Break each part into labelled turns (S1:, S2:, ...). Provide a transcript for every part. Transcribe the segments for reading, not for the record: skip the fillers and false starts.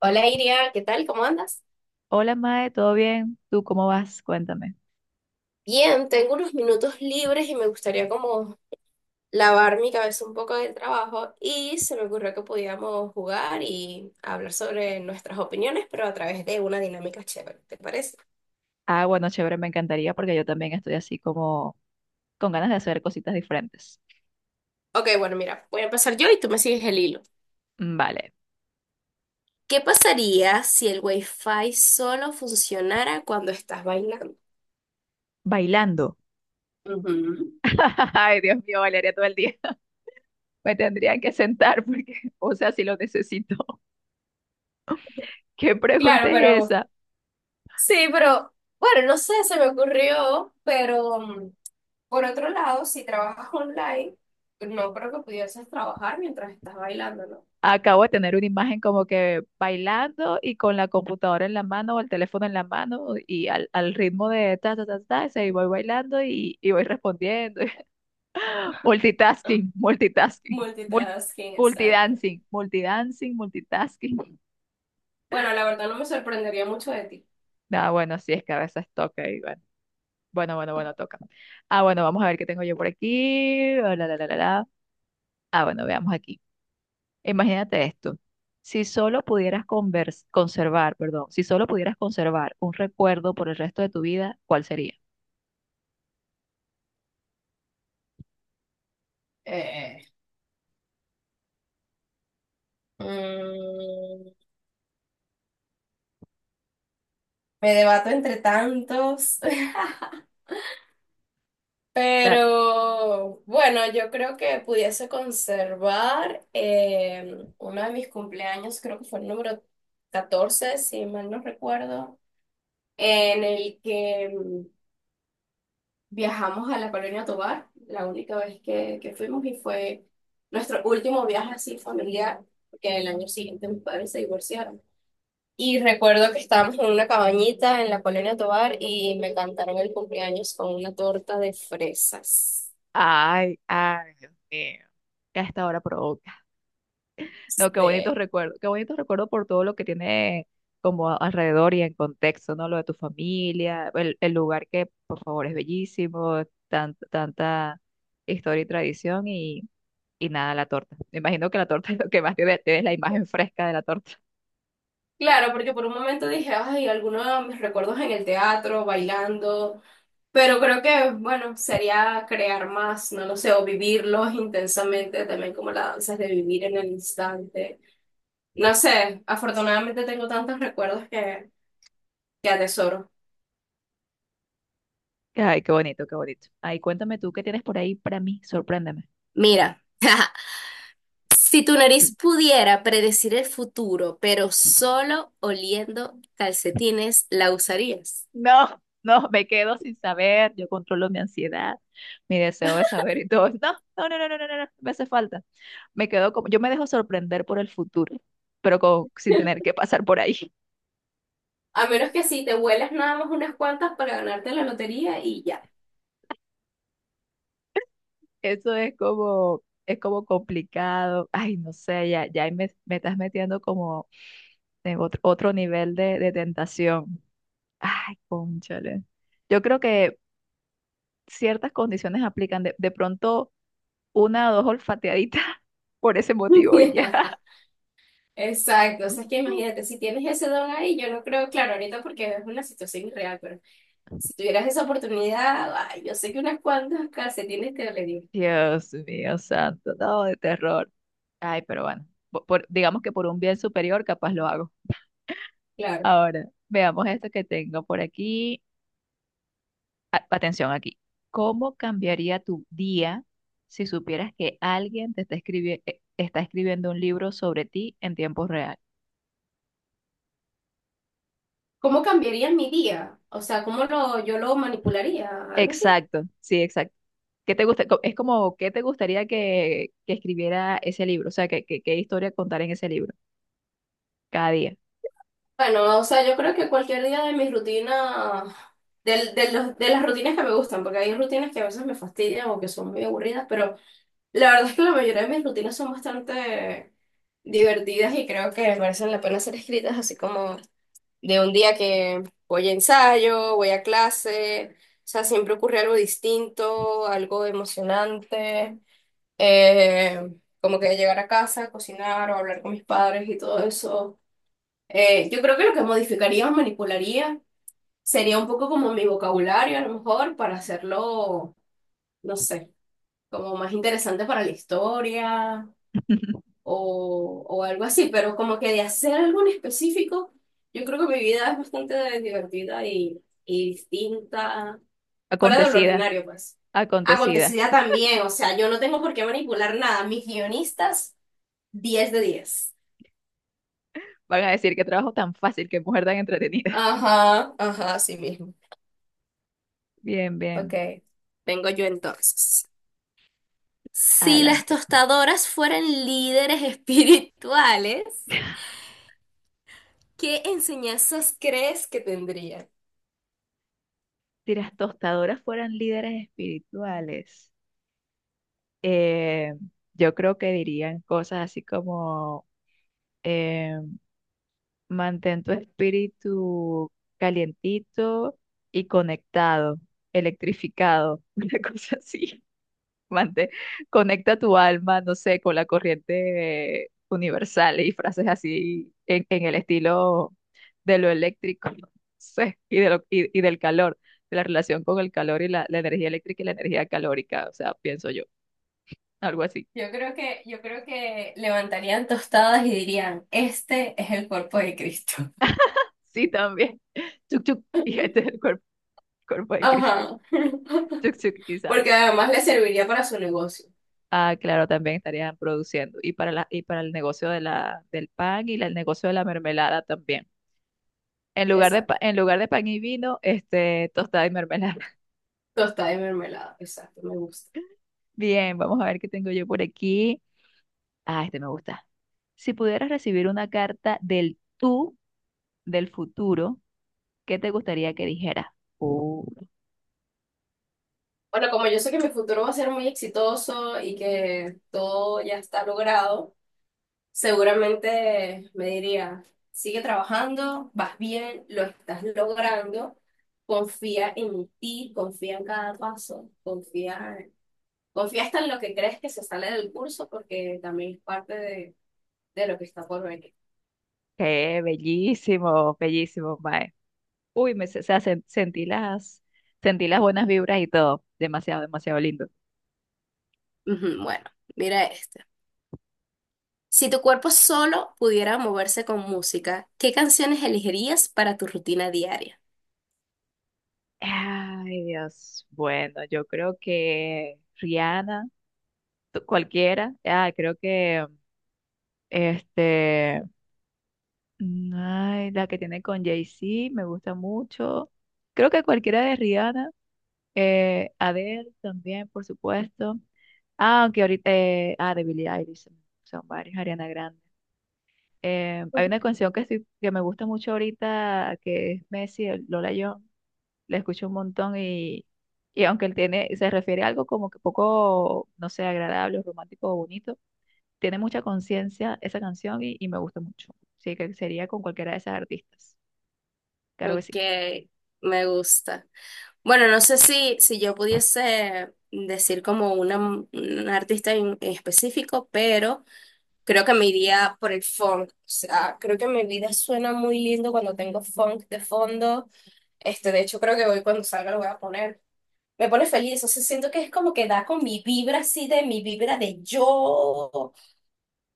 S1: Hola Iria, ¿qué tal? ¿Cómo andas?
S2: Hola Mae, ¿todo bien? ¿Tú cómo vas? Cuéntame.
S1: Bien, tengo unos minutos libres y me gustaría como lavar mi cabeza un poco del trabajo y se me ocurrió que podíamos jugar y hablar sobre nuestras opiniones, pero a través de una dinámica chévere, ¿te parece?
S2: Bueno, chévere, me encantaría porque yo también estoy así como con ganas de hacer cositas diferentes.
S1: Ok, bueno, mira, voy a empezar yo y tú me sigues el hilo.
S2: Vale,
S1: ¿Qué pasaría si el Wi-Fi solo funcionara cuando estás bailando?
S2: bailando.
S1: Ujú.
S2: Ay, Dios mío, bailaría todo el día. Me tendrían que sentar porque, o sea, si lo necesito. ¿Qué
S1: Claro,
S2: pregunta es
S1: pero
S2: esa?
S1: sí, pero bueno, no sé, se me ocurrió, pero por otro lado, si trabajas online, no creo que pudieses trabajar mientras estás bailando, ¿no?
S2: Acabo de tener una imagen como que bailando y con la computadora en la mano o el teléfono en la mano y al ritmo de ta, ta, ta, ta, se voy bailando y voy respondiendo. Multitasking, multitasking, mul-
S1: Multitasking, exacto.
S2: multidancing, multidancing, multitasking.
S1: Bueno, la verdad no me sorprendería mucho de ti.
S2: Bueno, sí, es que a veces toca y bueno, toca. Bueno, vamos a ver qué tengo yo por aquí. La, la, la, la, la. Bueno, veamos aquí. Imagínate esto. Si solo pudieras convers- Conservar, perdón, si solo pudieras conservar un recuerdo por el resto de tu vida, ¿cuál sería?
S1: Eh, mm, Me debato entre tantos,
S2: Dale.
S1: pero bueno, yo creo que pudiese conservar uno de mis cumpleaños, creo que fue el número 14 si mal no recuerdo, en el que. Viajamos a la Colonia Tovar, la única vez que fuimos y fue nuestro último viaje así familiar, porque el año siguiente mis padres se divorciaron. Y recuerdo que estábamos en una cabañita en la Colonia Tovar y me cantaron el cumpleaños con una torta de fresas.
S2: Ay, ay, Dios mío, que hasta ahora provoca. No,
S1: Este,
S2: qué bonitos recuerdos por todo lo que tiene como alrededor y en contexto, ¿no? Lo de tu familia, el lugar que, por favor, es bellísimo, tanta historia y tradición y nada, la torta. Me imagino que la torta es lo que más te es la imagen fresca de la torta.
S1: claro, porque por un momento dije, ay, algunos de mis recuerdos en el teatro, bailando, pero creo que, bueno, sería crear más, no lo sé, o vivirlos intensamente, también como la danza es de vivir en el instante. No sé, afortunadamente tengo tantos recuerdos que atesoro.
S2: Ay, qué bonito, qué bonito. Ay, cuéntame tú, ¿qué tienes por ahí para mí? Sorpréndeme.
S1: Mira, si tu nariz pudiera predecir el futuro, pero solo oliendo calcetines, ¿la usarías?
S2: No, no, me quedo sin saber, yo controlo mi ansiedad, mi deseo de saber y todo. No, no, no, no, no, no, no, me hace falta. Me quedo como, yo me dejo sorprender por el futuro, pero sin tener que pasar por ahí.
S1: A menos que sí, te huelas nada más unas cuantas para ganarte la lotería y ya.
S2: Eso es como complicado. Ay, no sé, ya ahí me estás metiendo como en otro nivel de tentación. Ay, cónchale. Yo creo que ciertas condiciones aplican. De pronto, una o dos olfateaditas por ese motivo y ya.
S1: Exacto, o sea, es que imagínate, si tienes ese don ahí, yo no creo, claro, ahorita porque es una situación irreal, pero si tuvieras esa oportunidad, ay, yo sé que unas cuantas calcetines te dolerían,
S2: Dios mío, santo, no, de terror. Ay, pero bueno, digamos que por un bien superior capaz lo hago.
S1: claro.
S2: Ahora, veamos esto que tengo por aquí. Atención aquí. ¿Cómo cambiaría tu día si supieras que alguien te está escribiendo un libro sobre ti en tiempo real?
S1: ¿Cómo cambiaría mi día? O sea, ¿cómo lo, yo lo manipularía? Algo así.
S2: Exacto, sí, exacto. ¿Qué te gusta? Es como, ¿qué te gustaría que escribiera ese libro? O sea, ¿ qué historia contar en ese libro? Cada día.
S1: Bueno, o sea, yo creo que cualquier día de mi rutina, de las rutinas que me gustan, porque hay rutinas que a veces me fastidian o que son muy aburridas, pero la verdad es que la mayoría de mis rutinas son bastante divertidas y creo que merecen la pena ser escritas, así como de un día que voy a ensayo, voy a clase, o sea, siempre ocurre algo distinto, algo emocionante. Eh, Como que llegar a casa, cocinar o hablar con mis padres y todo eso. Yo creo que lo que modificaría o manipularía sería un poco como mi vocabulario, a lo mejor, para hacerlo, no sé, como más interesante para la historia o algo así, pero como que de hacer algo en específico, yo creo que mi vida es bastante divertida y distinta, fuera de lo
S2: Acontecida,
S1: ordinario, pues
S2: acontecida.
S1: acontecida también, o sea, yo no tengo por qué manipular nada. Mis guionistas 10 de 10.
S2: Van a decir qué trabajo tan fácil, qué mujer tan entretenida.
S1: Ajá, ajá, así mismo.
S2: Bien,
S1: Ok,
S2: bien.
S1: vengo yo entonces. Si las
S2: Adelante.
S1: tostadoras fueran líderes espirituales, ¿qué enseñanzas crees que tendrían?
S2: Si las tostadoras fueran líderes espirituales. eh, yo creo que dirían cosas así como eh, mantén tu espíritu calientito y conectado, electrificado, una cosa así. Mantén- Conecta tu alma, no sé, con la corriente universal y frases así en el estilo de lo eléctrico, no sé, de lo, y del calor, de la relación con el calor y la energía eléctrica y la energía calórica, o sea, pienso yo, algo así.
S1: Yo creo que levantarían tostadas y dirían, este es el cuerpo de Cristo.
S2: Sí, también. Chuk, chuk. Y este es el cuerpo, cuerpo de Cristo.
S1: Ajá.
S2: Chuk, chuk y sal.
S1: Porque además le serviría para su negocio.
S2: Ah, claro, también estarían produciendo. Y para y para el negocio de del pan y el negocio de la mermelada también. En lugar de,
S1: Exacto.
S2: en lugar de pan y vino, este, tostada y mermelada.
S1: Tostada y mermelada. Exacto, me gusta.
S2: Bien, vamos a ver qué tengo yo por aquí. Ah, este me gusta. Si pudieras recibir una carta del tú del futuro, ¿qué te gustaría que dijera? Uh,
S1: Bueno, como yo sé que mi futuro va a ser muy exitoso y que todo ya está logrado, seguramente me diría, sigue trabajando, vas bien, lo estás logrando, confía en ti, confía en cada paso, confía, confía hasta en lo que crees que se sale del curso porque también es parte de lo que está por venir.
S2: qué bellísimo, bellísimo, Mae. Uy, o sea, sentí sentí las buenas vibras y todo. Demasiado, demasiado lindo.
S1: Ujú. Bueno, mira este. Si tu cuerpo solo pudiera moverse con música, ¿qué canciones elegirías para tu rutina diaria?
S2: Ay, Dios. Bueno, yo creo que Rihanna, cualquiera. Ah, creo que este, ay, la que tiene con Jay-Z, me gusta mucho. Creo que cualquiera de Rihanna, Adele también, por supuesto. Ah, aunque ahorita, de Billie Eilish, son varios, Ariana Grande. Hay una canción que, que me gusta mucho ahorita, que es Messi, el Lola John, la escucho un montón y aunque él tiene, se refiere a algo como que poco, no sé, agradable, romántico o bonito, tiene mucha conciencia esa canción y me gusta mucho. Sí, que sería con cualquiera de esas artistas. Claro que
S1: Ok,
S2: sí.
S1: me gusta. Bueno, no sé si yo pudiese decir como una, un artista en específico, pero creo que me iría por el funk. O sea, creo que mi vida suena muy lindo cuando tengo funk de fondo. De hecho, creo que hoy cuando salga lo voy a poner. Me pone feliz, o sea, siento que es como que da con mi vibra así de mi vibra de yo,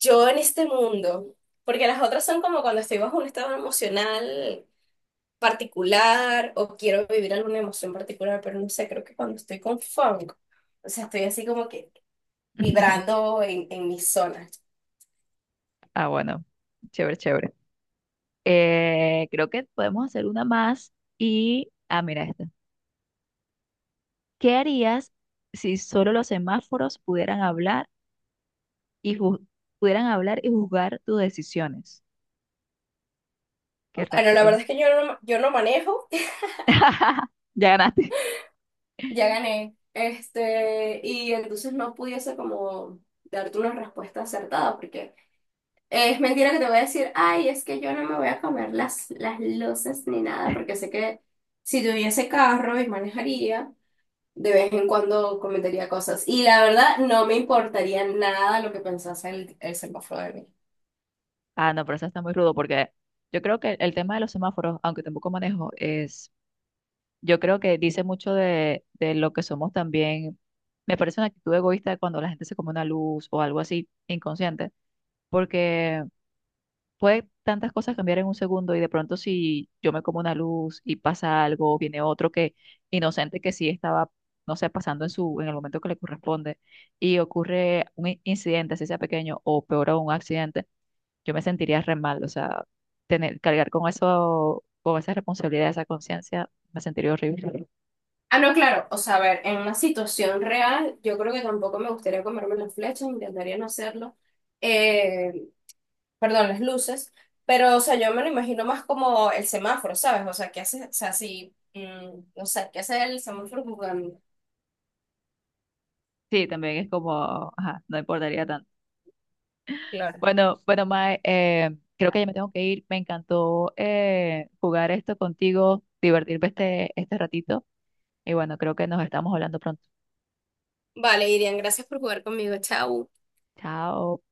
S1: yo en este mundo. Porque las otras son como cuando estoy bajo un estado emocional particular o quiero vivir alguna emoción particular, pero no sé, creo que cuando estoy con funk, o sea, estoy así como que vibrando en mis zonas.
S2: Ah, bueno, chévere, chévere. Creo que podemos hacer una más y, ah, mira esta. ¿Qué harías si solo los semáforos pudieran hablar? y ju- Pudieran hablar y juzgar tus decisiones. Qué ra-
S1: Bueno, la
S2: que-
S1: verdad es que yo no manejo,
S2: ya ganaste.
S1: ya gané, y entonces no pudiese como darte una respuesta acertada, porque es mentira que te voy a decir, ay, es que yo no me voy a comer las luces ni nada, porque sé que si tuviese carro y manejaría. De vez en cuando comentaría cosas. Y la verdad, no me importaría nada lo que pensase el semáforo de mí.
S2: Ah, no, pero eso está muy rudo porque yo creo que el tema de los semáforos, aunque tampoco manejo, es, yo creo que dice mucho de lo que somos también. Me parece una actitud egoísta cuando la gente se come una luz o algo así inconsciente, porque puede tantas cosas cambiar en un segundo y de pronto si yo me como una luz y pasa algo, viene otro que inocente que sí estaba, no sé, pasando en su, en el momento que le corresponde y ocurre un incidente, así sea pequeño o peor aún un accidente, yo me sentiría re mal, o sea, tener, cargar con eso, con esa responsabilidad, esa conciencia, me sentiría horrible.
S1: Ah, no, claro. O sea, a ver, en una situación real, yo creo que tampoco me gustaría comerme las flechas, intentaría no hacerlo. Eh, Perdón, las luces. Pero, o sea, yo me lo imagino más como el semáforo, ¿sabes? O sea, ¿qué hace? O sea, si, no sé, ¿qué hace el semáforo jugando?
S2: Sí, también es como, ajá, no importaría tanto.
S1: Claro.
S2: Bueno, bueno, Mae, creo que ya me tengo que ir. Me encantó jugar esto contigo, divertirme este, este ratito. Y bueno, creo que nos estamos hablando pronto.
S1: Vale, Irian, gracias por jugar conmigo. Chao.
S2: Chao.